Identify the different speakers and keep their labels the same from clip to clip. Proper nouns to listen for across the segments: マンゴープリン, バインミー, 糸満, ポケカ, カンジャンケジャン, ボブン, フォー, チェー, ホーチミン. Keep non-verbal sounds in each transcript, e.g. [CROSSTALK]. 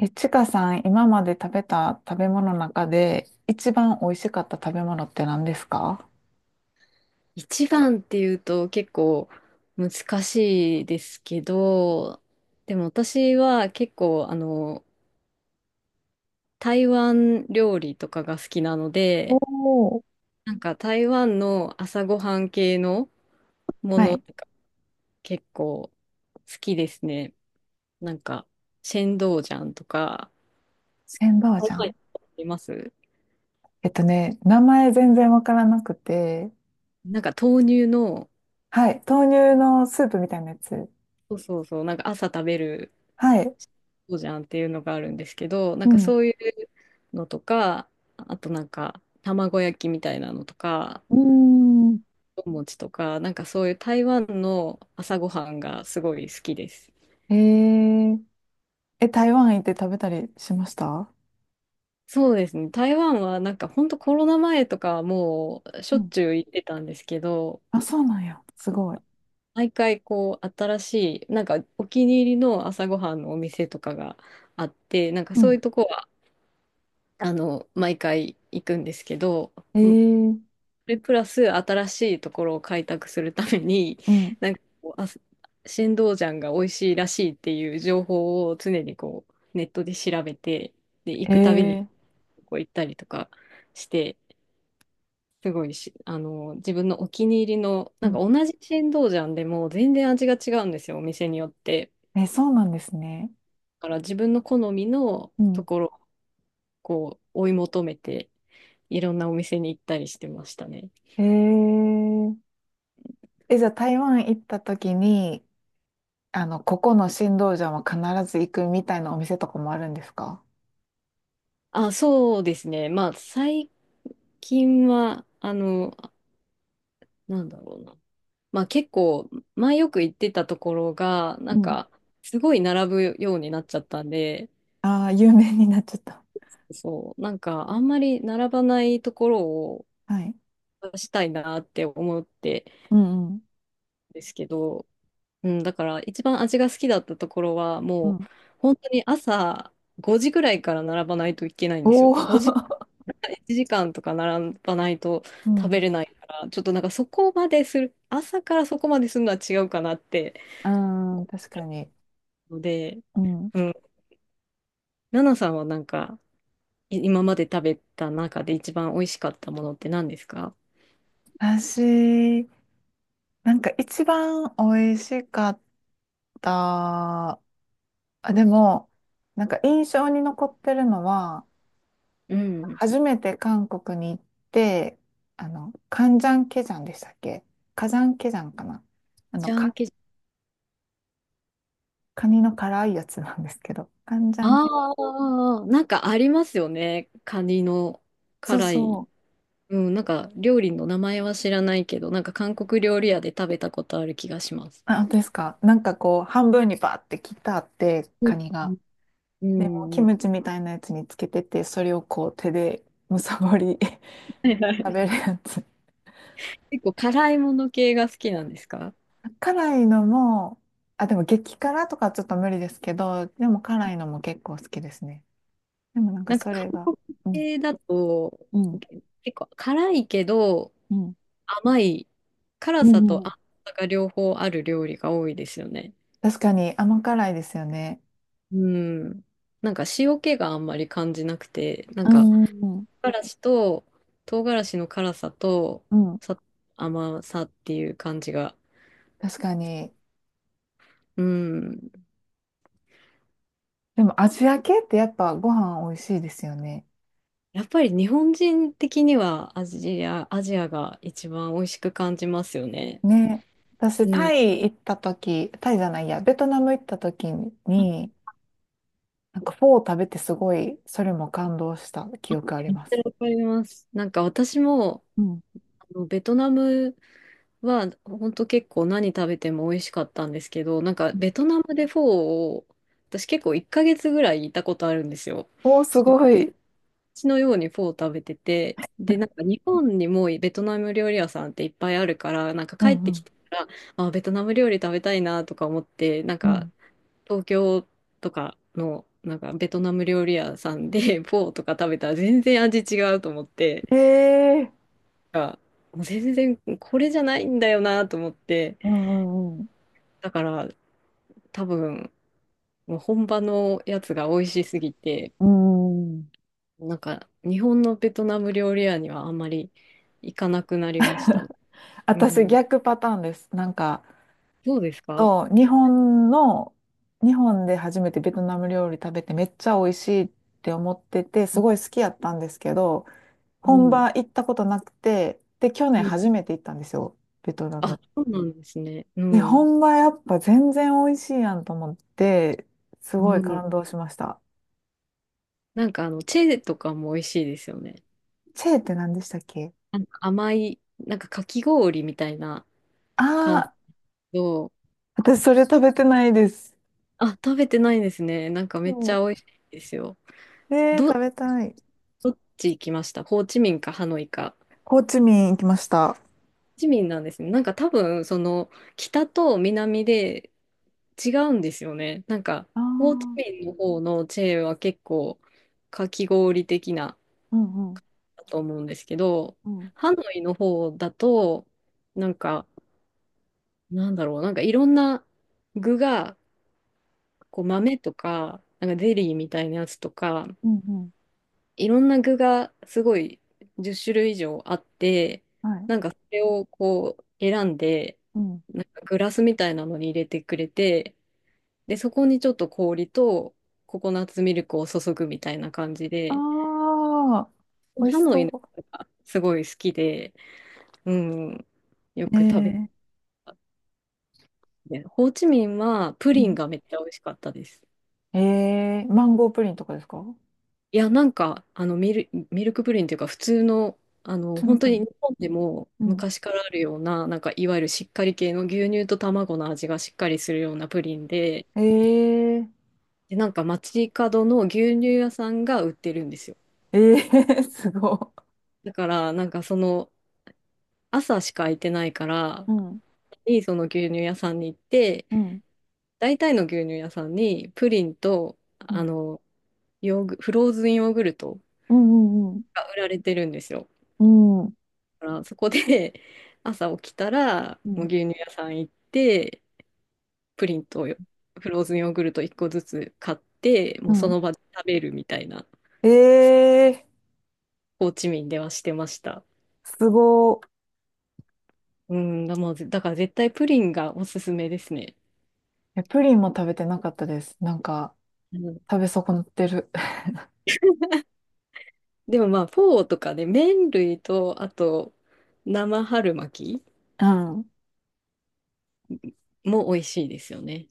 Speaker 1: ちかさん、今まで食べた食べ物の中で一番美味しかった食べ物って何ですか？
Speaker 2: 一番っていうと結構難しいですけど、でも私は結構あの台湾料理とかが好きなの
Speaker 1: お
Speaker 2: で、
Speaker 1: ー。
Speaker 2: なんか台湾の朝ごはん系のも
Speaker 1: は
Speaker 2: の
Speaker 1: い。
Speaker 2: とか結構好きですね。なんかシェンドウジャンとか、
Speaker 1: 千葉
Speaker 2: 台
Speaker 1: じゃ
Speaker 2: 湾
Speaker 1: ん。
Speaker 2: います。
Speaker 1: 名前全然わからなくて、
Speaker 2: なんか豆乳の、
Speaker 1: はい。豆乳のスープみたいなやつ。
Speaker 2: そうそうそう、なんか朝食べる
Speaker 1: はい。
Speaker 2: そうじゃんっていうのがあるんですけど、なん
Speaker 1: う
Speaker 2: か
Speaker 1: ん。
Speaker 2: そういうのとか、あとなんか卵焼きみたいなのとか、
Speaker 1: うーん。
Speaker 2: お餅とか、なんかそういう台湾の朝ごはんがすごい好きです。
Speaker 1: えー、え、台湾行って食べたりしました？
Speaker 2: そうですね。台湾はなんか本当コロナ前とかはもうし
Speaker 1: う
Speaker 2: ょっ
Speaker 1: ん。
Speaker 2: ちゅう行ってたんですけど、
Speaker 1: あ、そうなんや。すごい。
Speaker 2: 毎回こう新しい、なんかお気に入りの朝ごはんのお店とかがあって、なんか
Speaker 1: う
Speaker 2: そう
Speaker 1: ん。
Speaker 2: いうとこは、毎回行くんですけど、
Speaker 1: ええ。
Speaker 2: プラス新しいところを開拓するために、
Speaker 1: うん。
Speaker 2: [LAUGHS] なんかこう、あ、新道ジャンが美味しいらしいっていう情報を常にこう、ネットで調べて、で、行
Speaker 1: え
Speaker 2: くたびに
Speaker 1: え。
Speaker 2: こう行ったりとかして、すごいし、自分のお気に入りの、
Speaker 1: う
Speaker 2: なんか
Speaker 1: ん。
Speaker 2: 同じ新道ジャンでも全然味が違うんですよ、お店によって。
Speaker 1: え、そうなんですね。
Speaker 2: だから自分の好みの
Speaker 1: う
Speaker 2: と
Speaker 1: ん。
Speaker 2: ころをこう、追い求めて、いろんなお店に行ったりしてましたね。
Speaker 1: ええ。え、じゃあ台湾行った時に、あの、ここの新道場は必ず行くみたいなお店とかもあるんですか？
Speaker 2: あ、そうですね。まあ、最近は、なんだろうな。まあ結構、前よく行ってたところが、な
Speaker 1: う
Speaker 2: ん
Speaker 1: ん。
Speaker 2: か、すごい並ぶようになっちゃったんで、
Speaker 1: ああ、有名になっちゃった。
Speaker 2: そう、なんか、あんまり並ばないところを
Speaker 1: はい。
Speaker 2: 出したいなって思って
Speaker 1: うんうん。
Speaker 2: ですけど、うん、だから一番味が好きだったところは、
Speaker 1: う
Speaker 2: もう、
Speaker 1: ん。
Speaker 2: 本当に朝5時ぐらいから並ばないといけないんです
Speaker 1: お
Speaker 2: よ。
Speaker 1: お。[LAUGHS]
Speaker 2: 5時、1時間とか並ばないと
Speaker 1: う
Speaker 2: 食
Speaker 1: ん。
Speaker 2: べれないから、ちょっとなんかそこまでする、朝からそこまでするのは違うかなって。
Speaker 1: [LAUGHS] うん、確かに。
Speaker 2: ので、
Speaker 1: うん。
Speaker 2: うん。ナナさんはなんか、今まで食べた中で一番美味しかったものって何ですか？
Speaker 1: 私、一番美味しかった、あ、でも、なんか印象に残ってるのは、
Speaker 2: うん。
Speaker 1: 初めて韓国に行って、あの、カンジャンケジャンでしたっけ？カジャンケジャンかな。あの、
Speaker 2: ジャン
Speaker 1: カ、
Speaker 2: ケジ。
Speaker 1: カニの辛いやつなんですけど、カンジャンケ、
Speaker 2: ああー、なんかありますよね。カニの
Speaker 1: そう
Speaker 2: 辛
Speaker 1: そ
Speaker 2: い。
Speaker 1: う。
Speaker 2: うん、なんか料理の名前は知らないけど、なんか韓国料理屋で食べたことある気がします。
Speaker 1: あ、本当ですか？なんかこう、半分にバーって切ってあって、
Speaker 2: う
Speaker 1: カニが。でも、
Speaker 2: ん。
Speaker 1: キ
Speaker 2: うん。は
Speaker 1: ムチみたいなやつにつけてて、それをこう、手でむさぼり
Speaker 2: いは
Speaker 1: [LAUGHS] 食
Speaker 2: い。
Speaker 1: べるやつ。
Speaker 2: 結構辛いもの系が好きなんですか？
Speaker 1: 辛いのも、あ、でも激辛とかちょっと無理ですけど、でも辛いのも結構好きですね。でもなんか
Speaker 2: なんか
Speaker 1: それが、
Speaker 2: 韓国
Speaker 1: うん、
Speaker 2: 系だと
Speaker 1: うん、
Speaker 2: 結構辛いけど
Speaker 1: うん、
Speaker 2: 甘い
Speaker 1: う
Speaker 2: 辛さ
Speaker 1: ん、う
Speaker 2: と
Speaker 1: ん。
Speaker 2: 甘さが両方ある料理が多いですよね。
Speaker 1: 確かに甘辛いですよね。
Speaker 2: うん。なんか塩気があんまり感じなくて、なん
Speaker 1: う
Speaker 2: か
Speaker 1: ん、うん。
Speaker 2: 唐辛子と唐辛子の辛さと
Speaker 1: うん、うん。
Speaker 2: さ甘さっていう感じが。
Speaker 1: 確かに。
Speaker 2: うん。
Speaker 1: でもアジア系ってやっぱご飯美味しいですよね。
Speaker 2: やっぱり日本人的にはアジアが一番美味しく感じますよね。
Speaker 1: ね。私、
Speaker 2: う
Speaker 1: タ
Speaker 2: ん。
Speaker 1: イ行った時、タイじゃないや、ベトナム行った時に、なんかフォー食べてすごい、それも感動した記憶あり
Speaker 2: めっち
Speaker 1: ま
Speaker 2: ゃ
Speaker 1: す。
Speaker 2: わかります。なんか私も、
Speaker 1: うん。
Speaker 2: ベトナムは、本当結構何食べても美味しかったんですけど、なんかベトナムでフォーを、私結構1ヶ月ぐらいいたことあるんですよ。
Speaker 1: おー、すごい。
Speaker 2: 血のようにフォーを食べてて、で、なんか日本にもベトナム料理屋さんっていっぱいあるから、なんか
Speaker 1: う
Speaker 2: 帰っ
Speaker 1: んう
Speaker 2: てき
Speaker 1: ん
Speaker 2: たら、あ、ベトナム料理食べたいなとか思って、なん
Speaker 1: う
Speaker 2: か
Speaker 1: ん。
Speaker 2: 東京とかの、なんかベトナム料理屋さんで [LAUGHS] フォーとか食べたら全然味違うと思って、
Speaker 1: ええ。
Speaker 2: が、もう全然これじゃないんだよなと思って、
Speaker 1: うんうん
Speaker 2: だから多分、もう本場のやつが美味しすぎて、
Speaker 1: うん。うん。
Speaker 2: なんか日本のベトナム料理屋にはあんまり行かなくなりましたね。う
Speaker 1: 私
Speaker 2: ん。
Speaker 1: 逆パターンです。なんか、
Speaker 2: どうですか？
Speaker 1: そう、日本の、日本で初めてベトナム料理食べてめっちゃ美味しいって思ってて、すごい好きやったんですけど、
Speaker 2: う
Speaker 1: 本
Speaker 2: ん。
Speaker 1: 場行ったことなくて、で、去年
Speaker 2: うん。
Speaker 1: 初めて行ったんですよ、ベトナ
Speaker 2: あ、
Speaker 1: ム。
Speaker 2: そうなんですね。う
Speaker 1: で、
Speaker 2: ん。
Speaker 1: 本場やっぱ全然美味しいやんと思って、すご
Speaker 2: う
Speaker 1: い
Speaker 2: ん。
Speaker 1: 感動しました。
Speaker 2: なんかチェーとかも美味しいですよね。
Speaker 1: チェーって何でしたっけ？
Speaker 2: なんか甘い、なんかかき氷みたいな感じ
Speaker 1: ああ
Speaker 2: の。
Speaker 1: ー、私それ食べてないです。
Speaker 2: あ、食べてないんですね。なんかめっち
Speaker 1: そ
Speaker 2: ゃ美味しいですよ。
Speaker 1: う。えー、食
Speaker 2: ど、
Speaker 1: べたい。
Speaker 2: どっち行きました？ホーチミンかハノイか？ホ
Speaker 1: ホーチミン行きました。あ
Speaker 2: ーチミンなんですね。なんか多分、その、北と南で違うんですよね。なんか、
Speaker 1: あ、
Speaker 2: ホーチ
Speaker 1: う
Speaker 2: ミンの方のチェーは結構、かき氷的な、
Speaker 1: んうん、
Speaker 2: だと思うんですけど、
Speaker 1: うん、
Speaker 2: ハノイの方だと、なんか、なんだろう、なんかいろんな具が、こう豆とか、なんかゼリーみたいなやつとか、
Speaker 1: うん、うん、
Speaker 2: いろんな具がすごい10種類以上あって、
Speaker 1: はい、
Speaker 2: なんかそれをこう選んで、
Speaker 1: うん。
Speaker 2: なんかグラスみたいなのに入れてくれて、で、そこにちょっと氷とココナッツミルクを注ぐみたいな感じで、
Speaker 1: ああ、美味
Speaker 2: ハ
Speaker 1: し
Speaker 2: ノイの
Speaker 1: そ
Speaker 2: 人がすごい好きで、うん、よ
Speaker 1: う。え
Speaker 2: く食べ
Speaker 1: ー、
Speaker 2: て、ホーチミンはプ
Speaker 1: う
Speaker 2: リン
Speaker 1: ん。
Speaker 2: がめっちゃ美味しかったです。
Speaker 1: ええ、マンゴープリンとかですか？
Speaker 2: いや、なんか、ミルクプリンっていうか、普通の、
Speaker 1: 普通の
Speaker 2: 本当
Speaker 1: プリ
Speaker 2: に
Speaker 1: ン。
Speaker 2: 日本でも
Speaker 1: うん。
Speaker 2: 昔からあるような、なんか、いわゆるしっかり系の牛乳と卵の味がしっかりするようなプリンで、
Speaker 1: えー、
Speaker 2: で、なんか、街角の牛乳屋さんが売ってるんですよ。
Speaker 1: [LAUGHS] えー、[LAUGHS] すご
Speaker 2: だから、なんか、その、朝しか空いてないから、
Speaker 1: い。うん、
Speaker 2: いいその牛乳屋さんに行って、
Speaker 1: うん、
Speaker 2: 大体の牛乳屋さんに、プリンと、
Speaker 1: うん、
Speaker 2: ヨーグ、フローズンヨーグルト
Speaker 1: うん、うん、
Speaker 2: が売られてるんですよ。
Speaker 1: うん、うん、
Speaker 2: からそこで [LAUGHS] 朝起きたら、
Speaker 1: う
Speaker 2: もう
Speaker 1: ん。
Speaker 2: 牛乳屋さん行って、プリンとフローズンヨーグルト1個ずつ買って、も
Speaker 1: う
Speaker 2: うそ
Speaker 1: ん。
Speaker 2: の場で食べるみたいな、
Speaker 1: えー。ええ。
Speaker 2: ホーチミンではしてました。
Speaker 1: すご
Speaker 2: うん、だ、もうぜだから絶対プリンがおすすめですね。
Speaker 1: い。え、プリンも食べてなかったです。なんか、
Speaker 2: うん、
Speaker 1: 食べ損なってる。
Speaker 2: でもまあ、フォーとかね、麺類と、あと、生春巻き
Speaker 1: [LAUGHS] うん。
Speaker 2: も美味しいですよね。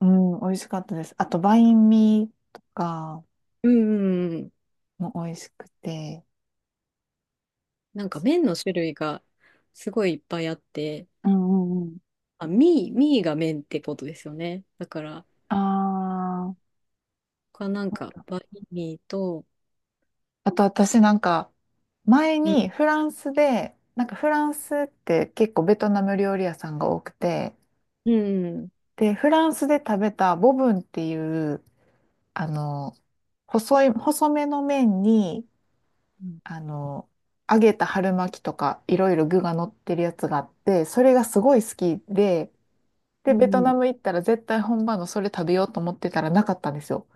Speaker 1: うん、美味しかったです。あと、バインミーとか
Speaker 2: うんうんうん、
Speaker 1: も美味しくて。
Speaker 2: なんか麺の種類がすごいいっぱいあって、
Speaker 1: うんうんうん。
Speaker 2: あ、ミーが麺ってことですよね。だから、
Speaker 1: ああ、
Speaker 2: 他なんか、バインミーと、
Speaker 1: あと、私なんか、前
Speaker 2: うん、
Speaker 1: にフランスで、なんかフランスって結構ベトナム料理屋さんが多くて、
Speaker 2: うん。
Speaker 1: で、フランスで食べたボブンっていう、あの、細い、細めの麺に、
Speaker 2: うん、
Speaker 1: あの、揚げた春巻きとかいろいろ具が乗ってるやつがあって、それがすごい好きで、
Speaker 2: う
Speaker 1: で、ベト
Speaker 2: ん。
Speaker 1: ナム行ったら絶対本場のそれ食べようと思ってたらなかったんですよ。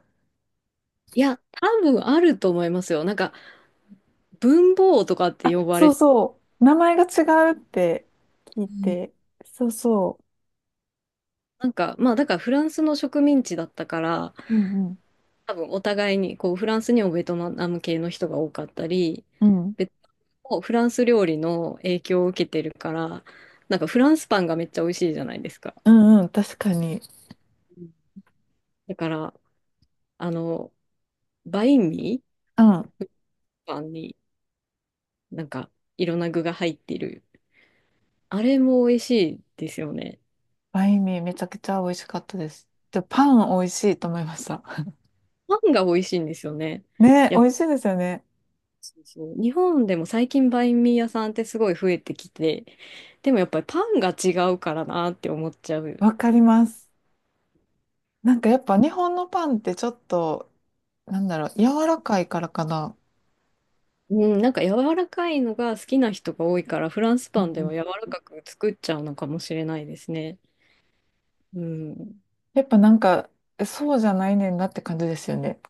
Speaker 2: いや、多分あると思いますよ。なんか、文房とかって呼ば
Speaker 1: そ
Speaker 2: れ
Speaker 1: う
Speaker 2: て、
Speaker 1: そう。名前が違うって聞い
Speaker 2: うん。
Speaker 1: て。そうそ
Speaker 2: なんか、まあ、だからフランスの植民地だったから、
Speaker 1: う。うんうん。
Speaker 2: 多分お互いに、こう、フランスにもベトナム系の人が多かったり、
Speaker 1: うん。
Speaker 2: ベトナムもフランス料理の影響を受けてるから、なんかフランスパンがめっちゃ美味しいじゃないですか。
Speaker 1: うんうん、確かに。
Speaker 2: だから、あの、バインミ
Speaker 1: うん。
Speaker 2: ーパンになんかいろんな具が入っているあれも美味しいですよね。
Speaker 1: バインミーめちゃくちゃ美味しかったです。で、パン美味しいと思いました。
Speaker 2: パンが美味しいんですよね。
Speaker 1: [LAUGHS] ね、
Speaker 2: や
Speaker 1: 美
Speaker 2: っぱ
Speaker 1: 味しいですよね。
Speaker 2: そうそう。日本でも最近バインミー屋さんってすごい増えてきて、でもやっぱりパンが違うからなって思っちゃう。
Speaker 1: わかります。なんかやっぱ日本のパンってちょっと、なんだろう、柔らかいからかな。
Speaker 2: うん、なんか柔らかいのが好きな人が多いから、フランス
Speaker 1: う
Speaker 2: パ
Speaker 1: ん
Speaker 2: ンで
Speaker 1: うん。
Speaker 2: は柔らかく作っちゃうのかもしれないですね。うん。
Speaker 1: やっぱなんか、そうじゃないねんなって感じですよね。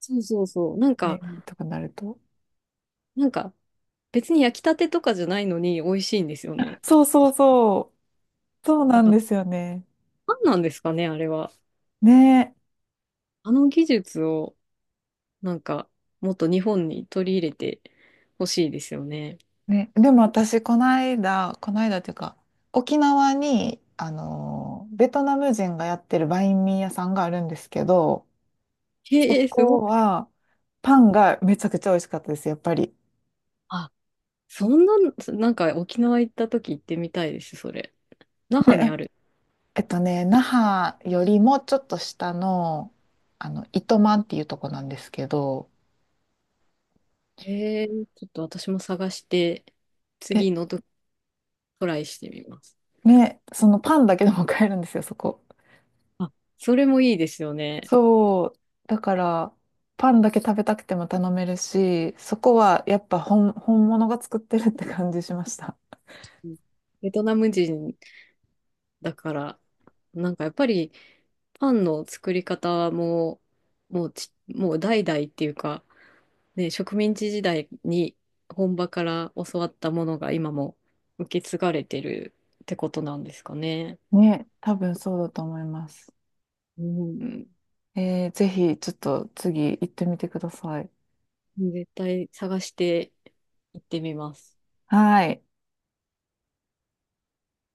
Speaker 2: そうそうそう。なん
Speaker 1: バイ
Speaker 2: か、
Speaker 1: ンミーとかなると。
Speaker 2: なんか別に焼きたてとかじゃないのに美味しいんですよね。
Speaker 1: そうそうそう。そう
Speaker 2: そう、だ
Speaker 1: なん
Speaker 2: から
Speaker 1: ですよね。
Speaker 2: パンなんですかね、あれは。
Speaker 1: ね
Speaker 2: あの技術を。なんか、もっと日本に取り入れてほしいですよね。
Speaker 1: え。ね。でも私、この間、この間っていうか、沖縄に、あの、ベトナム人がやってるバインミー屋さんがあるんですけど、そ
Speaker 2: へえ、すご
Speaker 1: こ
Speaker 2: い。
Speaker 1: は、パンがめちゃくちゃ美味しかったです、やっぱり。
Speaker 2: あ、そんな、なんか沖縄行った時行ってみたいです、それ。那覇に
Speaker 1: ね。
Speaker 2: ある。
Speaker 1: 那覇よりもちょっと下の、あの、糸満っていうとこなんですけど、
Speaker 2: へえ、ちょっと私も探して、
Speaker 1: え、
Speaker 2: 次のトライしてみます。
Speaker 1: ね、そのパンだけでも買えるんですよ、そこ。
Speaker 2: あ、それもいいですよね。
Speaker 1: そう。だから、パンだけ食べたくても頼めるし、そこはやっぱ本、本物が作ってるって感じしました。
Speaker 2: うん。ベトナム人だから、なんかやっぱりパンの作り方も、もうち、もう代々っていうか、ね、植民地時代に本場から教わったものが今も受け継がれてるってことなんですかね。
Speaker 1: ね、多分そうだと思います。
Speaker 2: うん。
Speaker 1: えー、ぜひ、ちょっと次行ってみてください。
Speaker 2: 絶対探して行ってみます。
Speaker 1: はい。